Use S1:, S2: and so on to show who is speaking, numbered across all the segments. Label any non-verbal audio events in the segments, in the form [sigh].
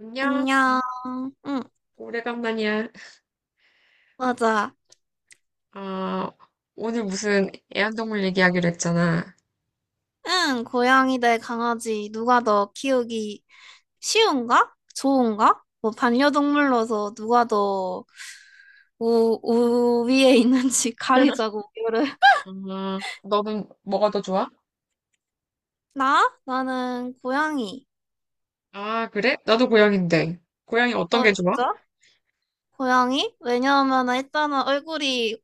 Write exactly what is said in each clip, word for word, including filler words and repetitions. S1: 안녕,
S2: 안녕. 응,
S1: 오래간만이야.
S2: 맞아.
S1: 아, 오늘 무슨 애완동물 얘기하기로 했잖아.
S2: 응, 고양이 대 강아지 누가 더 키우기 쉬운가? 좋은가? 뭐 반려동물로서 누가 더 우, 우위에 있는지 [laughs]
S1: [laughs]
S2: 가리자고 이거를.
S1: 아, 너는 뭐가 더 좋아?
S2: 나? 나는 고양이.
S1: 아, 그래? 나도 고양인데. 고양이 어떤
S2: 어,
S1: 게 좋아?
S2: 진짜? 고양이? 왜냐하면 일단은 얼굴이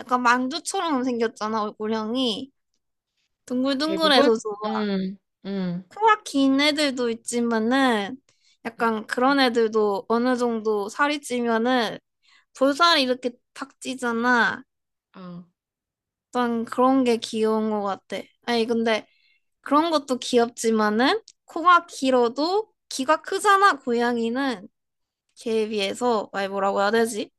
S2: 약간 만두처럼 생겼잖아, 얼굴형이.
S1: 대부분?
S2: 둥글둥글해서 좀
S1: 음, 음,
S2: 코가 긴 애들도 있지만은
S1: 음,
S2: 약간 그런 애들도 어느 정도 살이 찌면은 볼살이 이렇게 탁 찌잖아.
S1: 어,
S2: 약 그런 게 귀여운 것 같아. 아니 근데 그런 것도 귀엽지만은 코가 길어도 귀가 크잖아. 고양이는 걔에 비해서. 아니 뭐라고 해야 되지?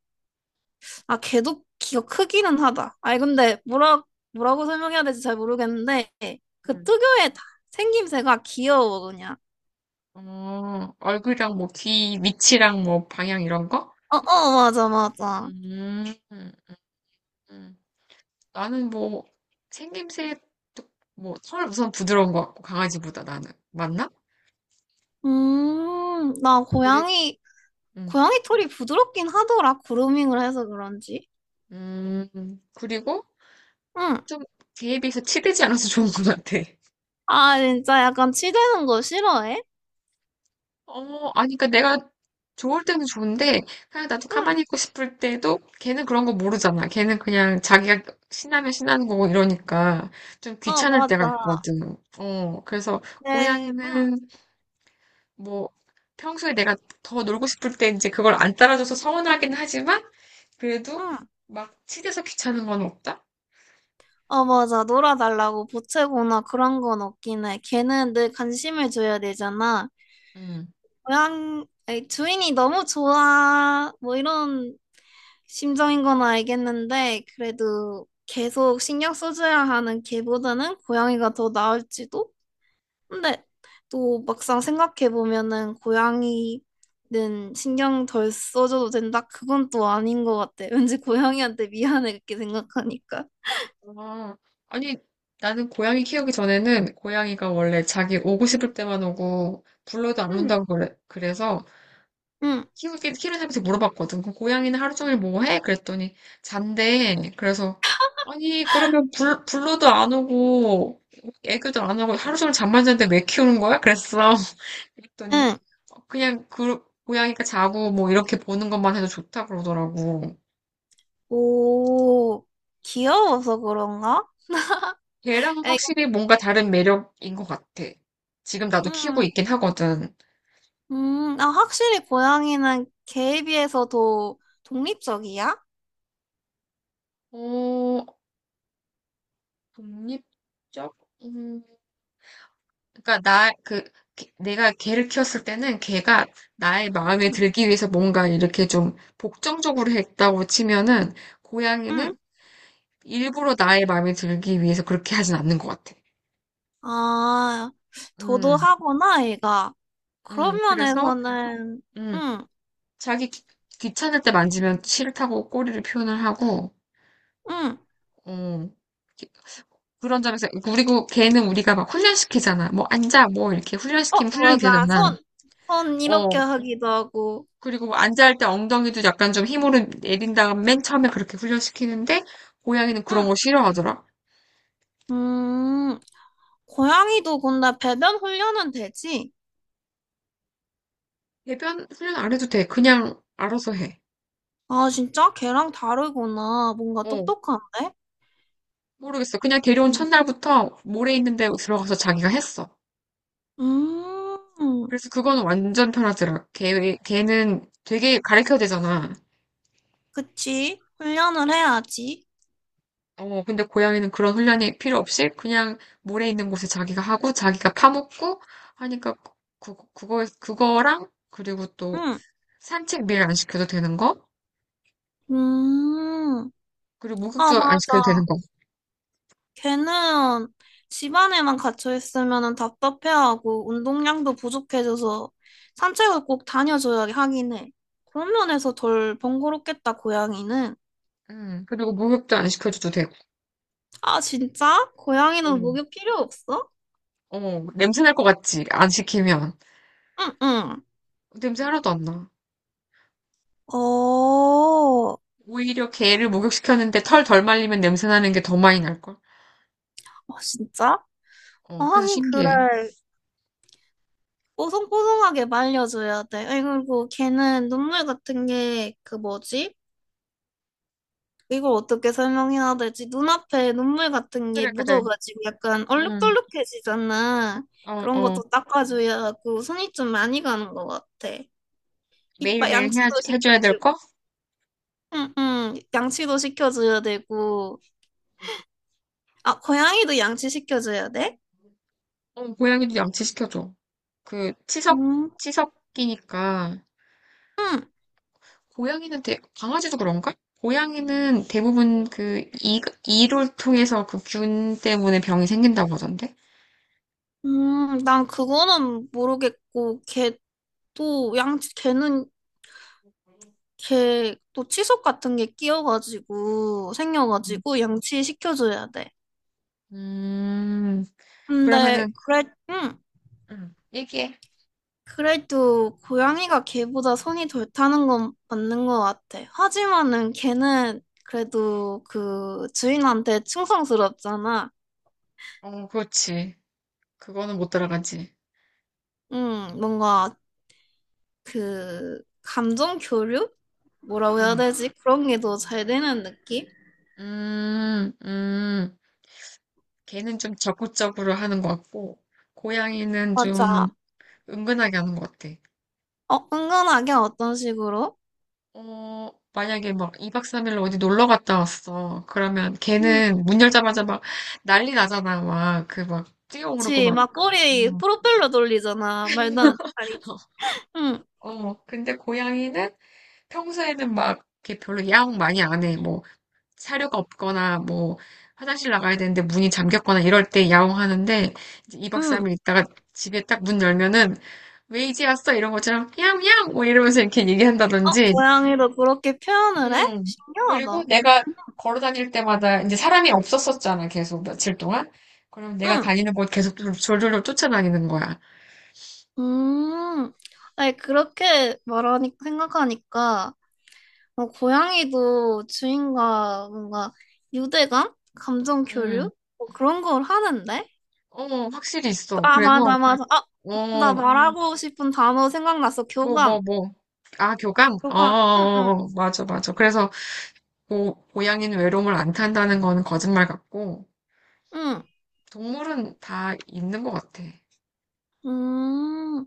S2: 아, 걔도 귀가 크기는 하다. 아니 근데 뭐라 뭐라고 설명해야 될지 잘 모르겠는데 그
S1: 음.
S2: 특유의 다- 생김새가 귀여워 그냥.
S1: 어, 얼굴이랑 뭐 귀 위치랑 뭐 방향 이런 거?
S2: 어어 맞아, 맞아.
S1: 음, 음, 음. 나는 뭐 생김새, 뭐털 우선 부드러운 것 같고 강아지보다 나는. 맞나?
S2: 음, 나
S1: 그리고,
S2: 고양이,
S1: 음,
S2: 고양이 털이 부드럽긴 하더라. 그루밍을 해서 그런지.
S1: 음, 그리고
S2: 응.
S1: 좀 걔에 비해서 치대지 않아서 좋은 것 같아.
S2: 아, 진짜 약간 치대는 거 싫어해?
S1: 어, 아니, 그니까 내가 좋을 때는 좋은데, 그냥 나도
S2: 응.
S1: 가만히 있고 싶을 때도 걔는 그런 거 모르잖아. 걔는 그냥 자기가 신나면 신나는 거고 이러니까 좀
S2: 어,
S1: 귀찮을 때가
S2: 맞아.
S1: 있거든. 어, 그래서
S2: 네, 응,
S1: 고양이는 뭐 평소에 내가 더 놀고 싶을 때 이제 그걸 안 따라줘서 서운하긴 하지만 그래도
S2: 응.
S1: 막 치대서 귀찮은 건 없다?
S2: 어, 맞아. 놀아달라고 보채거나 그런 건 없긴 해. 걔는 늘 관심을 줘야 되잖아.
S1: 음.
S2: 고양, 아니, 주인이 너무 좋아, 뭐 이런 심정인 건 알겠는데, 그래도 계속 신경 써줘야 하는 걔보다는 고양이가 더 나을지도? 근데 또 막상 생각해 보면은 고양이는 신경 덜 써줘도 된다? 그건 또 아닌 것 같아. [laughs] 왠지 고양이한테 미안해 그렇게 생각하니까.
S1: 아, 아니, 나는 고양이 키우기 전에는 고양이가 원래 자기 오고 싶을 때만 오고 불러도 안
S2: 응.
S1: 온다고 그래, 그래서
S2: 응,
S1: 키우기, 키우는 사람한테 물어봤거든. 그럼 고양이는 하루 종일 뭐 해? 그랬더니 잔대. 그래서 아니, 그러면 불, 불러도 안 오고 애교도 안 하고 하루 종일 잠만 자는데 왜 키우는 거야? 그랬어. [laughs] 그랬더니
S2: 응.
S1: 그냥 그 고양이가 자고 뭐 이렇게 보는 것만 해도 좋다 그러더라고.
S2: 오, 귀여워서 그런가?
S1: 걔랑
S2: 에이.
S1: 확실히 뭔가 다른 매력인 것 같아. 지금 나도 키우고
S2: 음,
S1: 있긴 하거든.
S2: 음, 아, 확실히 고양이는 개에 비해서 더 독립적이야?
S1: 어, 독립적? 음, 그러니까 나, 그, 개- 내가 걔를 키웠을 때는 걔가 나의 마음에
S2: 응,
S1: 들기 위해서 뭔가 이렇게 좀 복정적으로 했다고 치면은 고양이는
S2: 응.
S1: 일부러 나의 마음에 들기 위해서 그렇게 하진 않는 것 같아.
S2: 아,
S1: 음,
S2: 도도하구나, 얘가.
S1: 음,
S2: 그런
S1: 그래서,
S2: 면에서는,
S1: 음,
S2: 응,
S1: 자기 귀, 귀찮을 때 만지면 싫다고 꼬리를 표현을 하고,
S2: 응.
S1: 어, 그런 점에서 그리고 걔는 우리가 막 훈련시키잖아. 뭐 앉아 뭐 이렇게 훈련시키면 훈련이
S2: 어, 맞아.
S1: 되잖아.
S2: 손, 손 이렇게
S1: 어.
S2: 하기도 하고.
S1: 그리고 뭐 앉아 할 때 엉덩이도 약간 좀 힘으로 내린 다음 맨 처음에 그렇게 훈련시키는데 고양이는 그런
S2: 응.
S1: 거 싫어하더라.
S2: 음, 고양이도 근데 배변 훈련은 되지?
S1: 배변 훈련 안 해도 돼. 그냥 알아서 해.
S2: 아, 진짜? 걔랑 다르구나. 뭔가
S1: 어.
S2: 똑똑한데?
S1: 모르겠어. 그냥 데려온
S2: 음,
S1: 첫날부터 모래 있는 데 들어가서 자기가 했어.
S2: 음,
S1: 그래서 그거는 완전 편하더라. 걔 걔는 되게 가르쳐야 되잖아.
S2: 그치. 훈련을 해야지.
S1: 어, 근데 고양이는 그런 훈련이 필요 없이 그냥 모래 있는 곳에 자기가 하고 자기가 파먹고 하니까 그, 그, 그거, 그거랑 그리고 또
S2: 응.
S1: 산책 매일 안 시켜도 되는 거?
S2: 음,
S1: 그리고
S2: 아,
S1: 목욕도 안 시켜도
S2: 맞아.
S1: 되는 거.
S2: 걔는 집안에만 갇혀 있으면 답답해하고 운동량도 부족해져서 산책을 꼭 다녀줘야 하긴 해. 그런 면에서 덜 번거롭겠다, 고양이는.
S1: 음, 그리고 목욕도 안 시켜줘도 되고.
S2: 아, 진짜? 고양이는
S1: 음.
S2: 목욕 필요 없어?
S1: 어, 냄새 날 것 같지? 안 시키면.
S2: 응, 응.
S1: 냄새 하나도 안 나.
S2: 어, 어,
S1: 오히려 개를 목욕시켰는데 털 덜 말리면 냄새 나는 게 더 많이 날걸?
S2: 진짜? 어,
S1: 어, 그래서
S2: 하긴
S1: 신기해.
S2: 그래. 뽀송뽀송하게 말려줘야 돼. 아이, 그리고 걔는 눈물 같은 게 그 뭐지? 이걸 어떻게 설명해야 될지, 눈앞에 눈물 같은 게
S1: 그래, 그래.
S2: 묻어가지고 약간
S1: 음,
S2: 얼룩덜룩해지잖아.
S1: 어,
S2: 그런
S1: 어.
S2: 것도 닦아줘야 하고 손이 좀 많이 가는 것 같아. 이빨
S1: 매일매일 해야,
S2: 양치도
S1: 해줘야 될
S2: 시켜주고,
S1: 거?
S2: 응, 응, 양치도 시켜줘야 되고. 아, 고양이도 양치 시켜줘야 돼?
S1: 어, 고양이도 양치시켜줘. 그, 치석,
S2: 음,
S1: 치석이니까.
S2: 응,
S1: 고양이는 대, 강아지도 그런가? 고양이는 대부분 그, 이, 이를 통해서 그 균 때문에 병이 생긴다고 하던데?
S2: 음, 난 그거는 모르겠고, 걔도 양치, 걔는 걔 또 치석 같은 게 끼어가지고
S1: 음,
S2: 생겨가지고 양치 시켜줘야 돼.
S1: 음,
S2: 근데
S1: 그러면은,
S2: 그래, 응.
S1: 음, 얘기해.
S2: 그래도 고양이가 개보다 손이 덜 타는 건 맞는 것 같아. 하지만은 개는 그래도 그 주인한테 충성스럽잖아.
S1: 어, 그렇지. 그거는 못 따라가지.
S2: 응, 뭔가 그 감정 교류? 뭐라고 해야
S1: 음,
S2: 되지? 그런 게 더 잘 되는 느낌?
S1: 음, 음. 걔는 좀 적극적으로 하는 것 같고, 고양이는 좀
S2: 맞아.
S1: 은근하게 하는 것 같아.
S2: 어, 은근하게 어떤 식으로?
S1: 어, 만약에 막 이 박 삼 일로 어디 놀러 갔다 왔어. 그러면
S2: 응.
S1: 걔는 문 열자마자 막 난리 나잖아. 막 그 막 뛰어오르고
S2: 그치,
S1: 막.
S2: 막 꼬리
S1: 음.
S2: 프로펠러 돌리잖아. 말도 안 아니지. 응,
S1: 어, 근데 고양이는 평소에는 막 이렇게 별로 야옹 많이 안 해. 뭐 사료가 없거나 뭐 화장실 나가야 되는데 문이 잠겼거나 이럴 때 야옹 하는데 이제 이 박
S2: 응.
S1: 삼 일 있다가 집에 딱 문 열면은 왜 이제 왔어? 이런 것처럼 야옹 야옹 뭐 이러면서 이렇게
S2: 어,
S1: 얘기한다든지
S2: 고양이도 그렇게 표현을 해?
S1: 음. 그리고
S2: 신기하다. 응.
S1: 내가 걸어 다닐 때마다 이제 사람이 없었었잖아, 계속 며칠 동안. 그럼 내가
S2: 응.
S1: 다니는 곳 계속 뚫- 졸졸졸 쫓아다니는 거야.
S2: 음. 아니, 그렇게 말하니, 생각하니까, 어, 고양이도 주인과 뭔가 유대감? 감정
S1: 음.
S2: 교류? 뭐 그런 걸 하는데?
S1: 어, 확실히 있어.
S2: 아, 음,
S1: 그래서,
S2: 맞아, 맞아. 아, 나 음.
S1: 어,
S2: 말하고 싶은 단어 생각났어.
S1: 뭐, 뭐,
S2: 교감.
S1: 뭐. 아, 교감? 어, 어,
S2: 교감. 응,
S1: 어,
S2: 응,
S1: 어. 맞아, 맞아. 그래서, 고, 고양이는 외로움을 안 탄다는 거는 거짓말 같고,
S2: 응.
S1: 동물은 다 있는 것 같아.
S2: 음,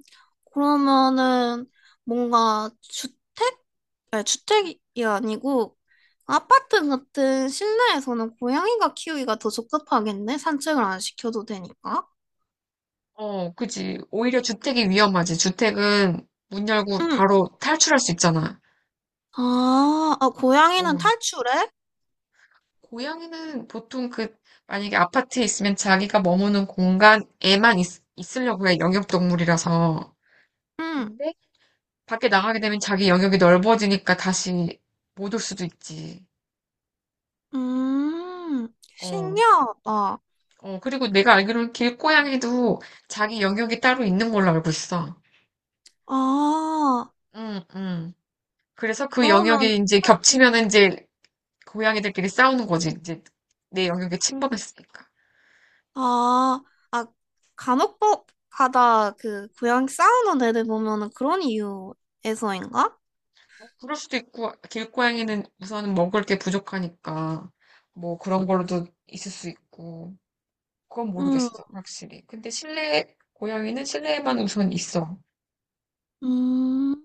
S2: 그러면은 뭔가 주택? 아니, 주택이 아니고 아파트 같은 실내에서는 고양이가 키우기가 더 적합하겠네. 산책을 안 시켜도 되니까.
S1: 어, 그지. 오히려 주택이 위험하지. 주택은 문 열고
S2: 응.
S1: 바로 탈출할 수 있잖아.
S2: 아, 아, 고양이는
S1: 어,
S2: 탈출해?
S1: 고양이는 보통 그, 만약에 아파트에 있으면 자기가 머무는 공간에만 있, 있으려고 해, 영역동물이라서.
S2: 응.
S1: 근데 밖에 나가게 되면 자기 영역이 넓어지니까 다시 못 올 수도 있지.
S2: 음,
S1: 어,
S2: 신기하다.
S1: 어, 그리고 내가 알기로는 길고양이도 자기 영역이 따로 있는 걸로 알고 있어.
S2: 아,
S1: 응, 응. 그래서 그
S2: 그러면, 응.
S1: 영역이 이제 겹치면 이제 고양이들끼리 싸우는 거지. 이제 내 영역에 침범했으니까.
S2: 아, 아, 간혹 가다 그 고양이 싸우는 애들 보면은 그런 이유에서인가?
S1: 뭐 그럴 수도 있고, 길고양이는 우선 먹을 게 부족하니까, 뭐 그런 걸로도 있을 수 있고, 그건
S2: 응,
S1: 모르겠어, 확실히. 근데 실내, 고양이는 실내에만 우선 있어.
S2: 음.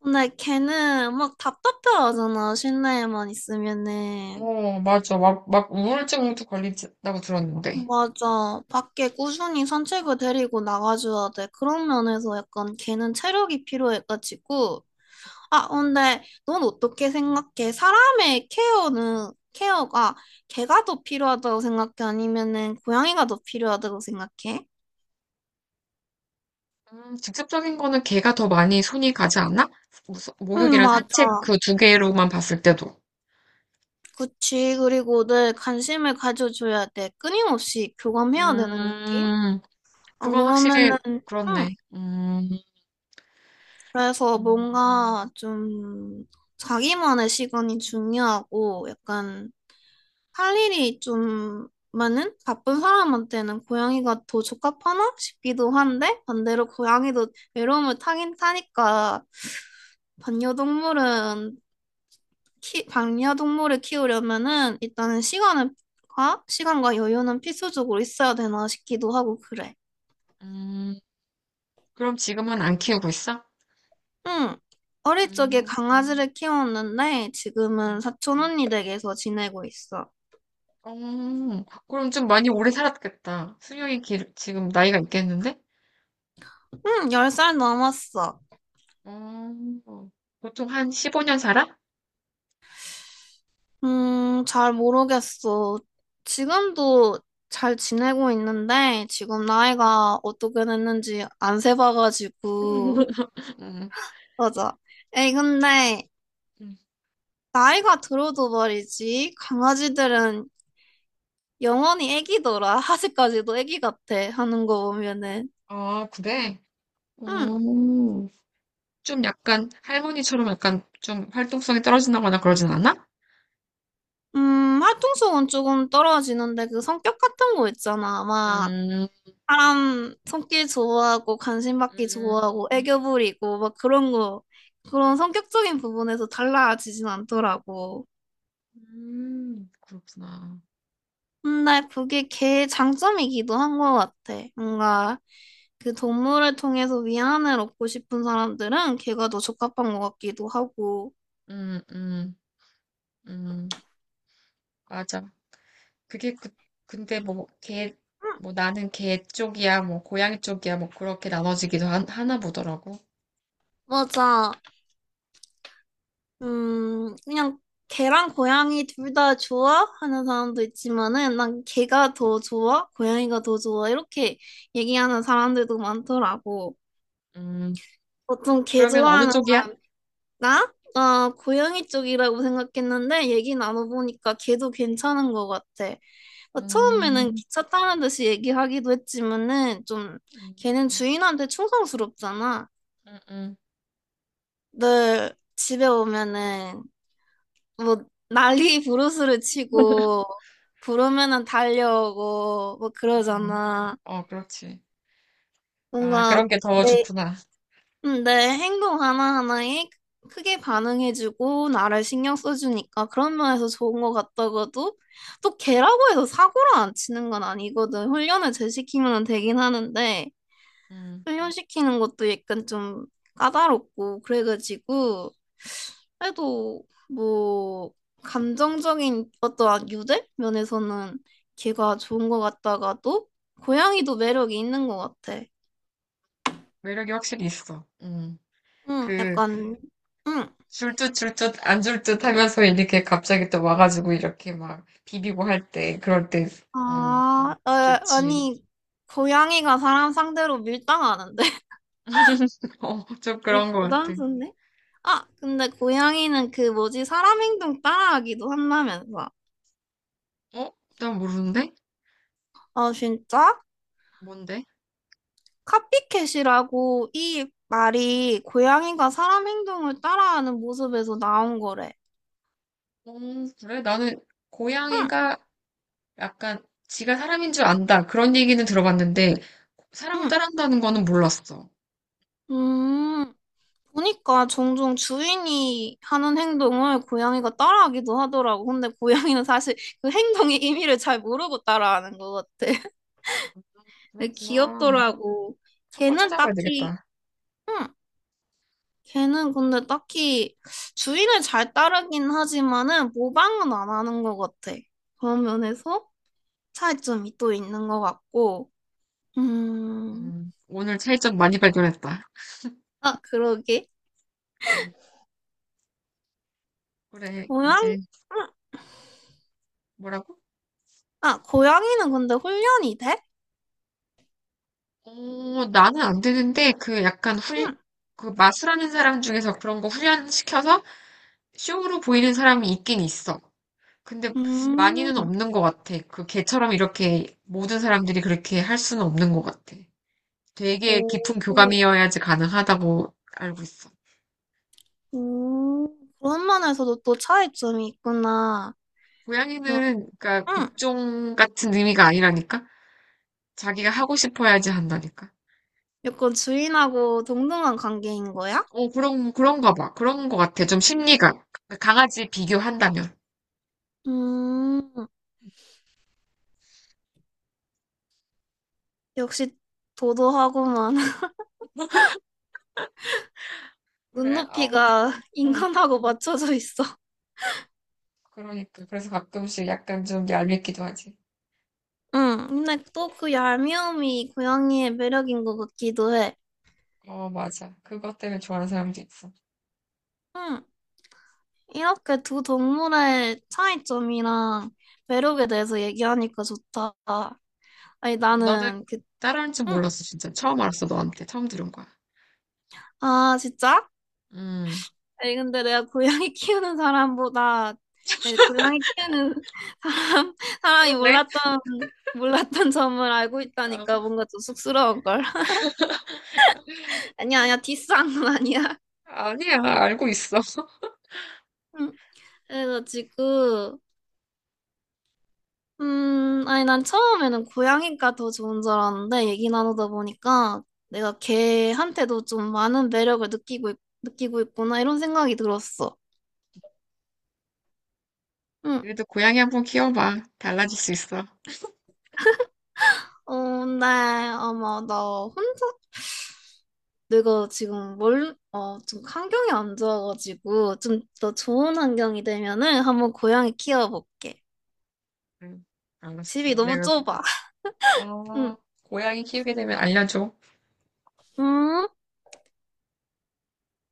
S2: 근데 걔는 막 답답해하잖아, 실내에만 있으면은.
S1: 어, 맞아. 막, 막 우울증도 걸린다고 들었는데.
S2: 맞아. 밖에 꾸준히 산책을 데리고 나가줘야 돼. 그런 면에서 약간 걔는 체력이 필요해가지고. 아, 근데 넌 어떻게 생각해? 사람의 케어는, 케어가 개가 더 필요하다고 생각해? 아니면은 고양이가 더 필요하다고 생각해?
S1: 음, 직접적인 거는 개가 더 많이 손이 가지 않나? 무서-
S2: 응,
S1: 목욕이랑 산책
S2: 맞아.
S1: 그 두 개로만 봤을 때도.
S2: 그치. 그리고 늘 관심을 가져줘야 돼. 끊임없이 교감해야 되는 느낌?
S1: 음,
S2: 안
S1: 그건 확실히
S2: 그러면은,
S1: 그렇네.
S2: 응.
S1: 음,
S2: 그래서
S1: 음,
S2: 뭔가 좀 자기만의 시간이 중요하고 약간 할 일이 좀 많은 바쁜 사람한테는 고양이가 더 적합하나 싶기도 한데, 반대로 고양이도 외로움을 타긴 타니까 반려동물은 키, 반려동물을 키우려면은 일단은 시간을 과 시간과 여유는 필수적으로 있어야 되나 싶기도 하고 그래.
S1: 음. 그럼 지금은 안 키우고 있어?
S2: 응. 어릴 적에
S1: 음.
S2: 강아지를 키웠는데
S1: 음.
S2: 지금은 사촌 언니 댁에서 지내고 있어.
S1: 어, 그럼 좀 많이 오래 살았겠다. 수명이 길, 지금 나이가 있겠는데?
S2: 응, 열 살 넘었어.
S1: 어, 보통 한 십오 년 살아?
S2: 음, 잘 모르겠어. 지금도 잘 지내고 있는데 지금 나이가 어떻게 됐는지 안 세봐가지고.
S1: [laughs] 음,
S2: 맞아. 에이, 근데
S1: 음.
S2: 나이가 들어도 말이지, 강아지들은 영원히 애기더라. [laughs] 아직까지도 애기 같아 하는 거 보면은.
S1: 아, 그래?
S2: 응.
S1: 음, 좀 약간 할머니처럼 약간 좀 활동성이 떨어진다거나 그러진 않아?
S2: 음, 활동성은 조금 떨어지는데 그 성격 같은 거 있잖아. 막
S1: 음,
S2: 사람 손길 좋아하고 관심 받기
S1: 음,
S2: 좋아하고 애교 부리고 막 그런 거, 그런 성격적인 부분에서 달라지진 않더라고.
S1: 음, 그렇구나.
S2: 근데 그게 걔의 장점이기도 한 것 같아. 뭔가 그 동물을 통해서 위안을 얻고 싶은 사람들은 걔가 더 적합한 것 같기도 하고.
S1: 음, 음, 음, 맞아. 그게 그, 근데 뭐, 개,
S2: 음,
S1: 뭐 나는 개 쪽이야, 뭐 고양이 쪽이야, 뭐 그렇게 나눠지기도 하, 하나 보더라고.
S2: 맞아. 음, 그냥 개랑 고양이 둘 다 좋아? 하는 사람도 있지만은 난 개가 더 좋아? 고양이가 더 좋아? 이렇게 얘기하는 사람들도 많더라고.
S1: 음,
S2: 보통 개
S1: 그러면 어느
S2: 좋아하는.
S1: 쪽이야?
S2: 나? 나 고양이 쪽이라고 생각했는데 얘기 나눠보니까 개도 괜찮은 것 같아. 나 처음에는
S1: 음,
S2: 기차 타는 듯이 얘기하기도 했지만은 좀
S1: 음,
S2: 걔는 주인한테 충성스럽잖아.
S1: 음, 음,
S2: 늘 집에 오면은 뭐 난리 부르스를
S1: [laughs]
S2: 치고 부르면은 달려오고 뭐
S1: 음.
S2: 그러잖아.
S1: 어, 그렇지. 아,
S2: 뭔가
S1: 그런 게 더
S2: 내
S1: 좋구나.
S2: 음, 내 행동 하나하나에 크게 반응해주고 나를 신경 써주니까 그런 면에서 좋은 것 같다고도. 또 걔라고 해서 사고를 안 치는 건 아니거든. 훈련을 재시키면 되긴 하는데
S1: 음,
S2: 훈련시키는 것도 약간 좀 까다롭고 그래가지고, 그래도 뭐 감정적인 어떠한 유대 면에서는 걔가 좋은 것 같다가도 고양이도 매력이 있는 것 같아.
S1: 매력이 확실히 있어. 음,
S2: 응,
S1: 그,
S2: 약간 응.
S1: 줄듯 줄듯 안 줄듯 하면서 이렇게 갑자기 또 와가지고 이렇게 막 비비고 할 때, 그럴 때, 음,
S2: 아, 어,
S1: 좋지.
S2: 아니, 고양이가 사람 상대로 밀당하는데? [laughs]
S1: [laughs] 어, 좀
S2: 아니
S1: 그런 것 같아.
S2: 고단수인데? 아, 근데 고양이는 그 뭐지, 사람 행동 따라하기도 한다면서.
S1: 어? 난 모르는데?
S2: 아, 진짜?
S1: 뭔데?
S2: 카피캣이라고 이 말이 고양이가 사람 행동을 따라하는 모습에서 나온 거래.
S1: 음, 그래? 나는
S2: 응,
S1: 고양이가 약간 지가 사람인 줄 안다. 그런 얘기는 들어봤는데 사람을
S2: 응.
S1: 따라한다는 거는 몰랐어.
S2: 음, 보니까 종종 주인이 하는 행동을 고양이가 따라하기도 하더라고. 근데 고양이는 사실 그 행동의 의미를 잘 모르고 따라하는 것 같아. [laughs] 근데
S1: 그렇구나.
S2: 귀엽더라고.
S1: 한번
S2: 걔는
S1: 찾아봐야
S2: 딱히,
S1: 되겠다.
S2: 응. 걔는 근데 딱히 주인을 잘 따르긴 하지만은 모방은 안 하는 것 같아. 그런 면에서 차이점이 또 있는 것 같고, 음,
S1: 음, 오늘 차이점 많이 발견했다.
S2: 아, 그러게.
S1: 음, 그래,
S2: 고양이,
S1: 이제
S2: 음,
S1: 뭐라고?
S2: 아, 고양이는 근데 훈련이 돼?
S1: 어, 나는 안 되는데 그 약간 훈, 그 마술하는 사람 중에서 그런 거 훈련시켜서 쇼로 보이는 사람이 있긴 있어. 근데
S2: 음,
S1: 많이는
S2: 음,
S1: 없는 것 같아. 그 걔처럼 이렇게 모든 사람들이 그렇게 할 수는 없는 것 같아. 되게
S2: 오,
S1: 깊은
S2: 오,
S1: 교감이어야지 가능하다고 알고 있어.
S2: 오. 그런 면에서도 또 차이점이 있구나. 야,
S1: 고양이는, 그러니까
S2: 음,
S1: 복종 같은 의미가 아니라니까? 자기가 하고 싶어야지 한다니까?
S2: 약간 주인하고 동등한 관계인 거야?
S1: 어, 그런, 그런가 봐. 그런 거 같아. 좀 심리가. 강아지 비교한다면.
S2: 음, 역시 도도하고만 [laughs]
S1: 그래, 아무튼,
S2: 눈높이가
S1: 응.
S2: 인간하고 맞춰져 있어.
S1: 그러니까. 그래서 가끔씩 약간 좀 얄밉기도 하지.
S2: 응, 근데 또 그 얄미움이 고양이의 매력인 것 같기도 해.
S1: 어, 맞아. 그것 때문에 좋아하는 사람도 있어.
S2: 응, 이렇게 두 동물의 차이점이랑 매력에 대해서 얘기하니까 좋다. 아니,
S1: 어, 나는
S2: 나는 그,
S1: 따라하는 줄
S2: 응.
S1: 몰랐어, 진짜. 처음 알았어, 너한테. 처음 들은 거야.
S2: 아, 진짜?
S1: 음.
S2: 아니, 근데 내가 고양이 키우는 사람보다, 아니, 고양이 키우는 [laughs] 사람, 사람이
S1: 그렇네.
S2: 몰랐던, 몰랐던 점을 알고
S1: 어,
S2: 있다니까 뭔가 좀 쑥스러운걸. [laughs] 아니야, 아니야, 디스한 건 아니야.
S1: 아니야, 알고 있어.
S2: 응. 그래가지고, 음, 아니, 난 처음에는 고양이가 더 좋은 줄 알았는데, 얘기 나누다 보니까 내가 걔한테도 좀 많은 매력을 느끼고, 있, 느끼고 있구나, 이런 생각이 들었어. 응.
S1: 그래도 고양이 한번 키워봐. 달라질 수 있어.
S2: 어, 네, 아마 나 혼자, 내가 지금 뭘, 어, 좀 환경이 안 좋아가지고, 좀 더 좋은 환경이 되면은 한번 고양이 키워볼게.
S1: 응, 알았어.
S2: 집이 너무
S1: 내가,
S2: 좁아. [laughs] 응.
S1: 어, 고양이 키우게 되면 알려줘.
S2: 음?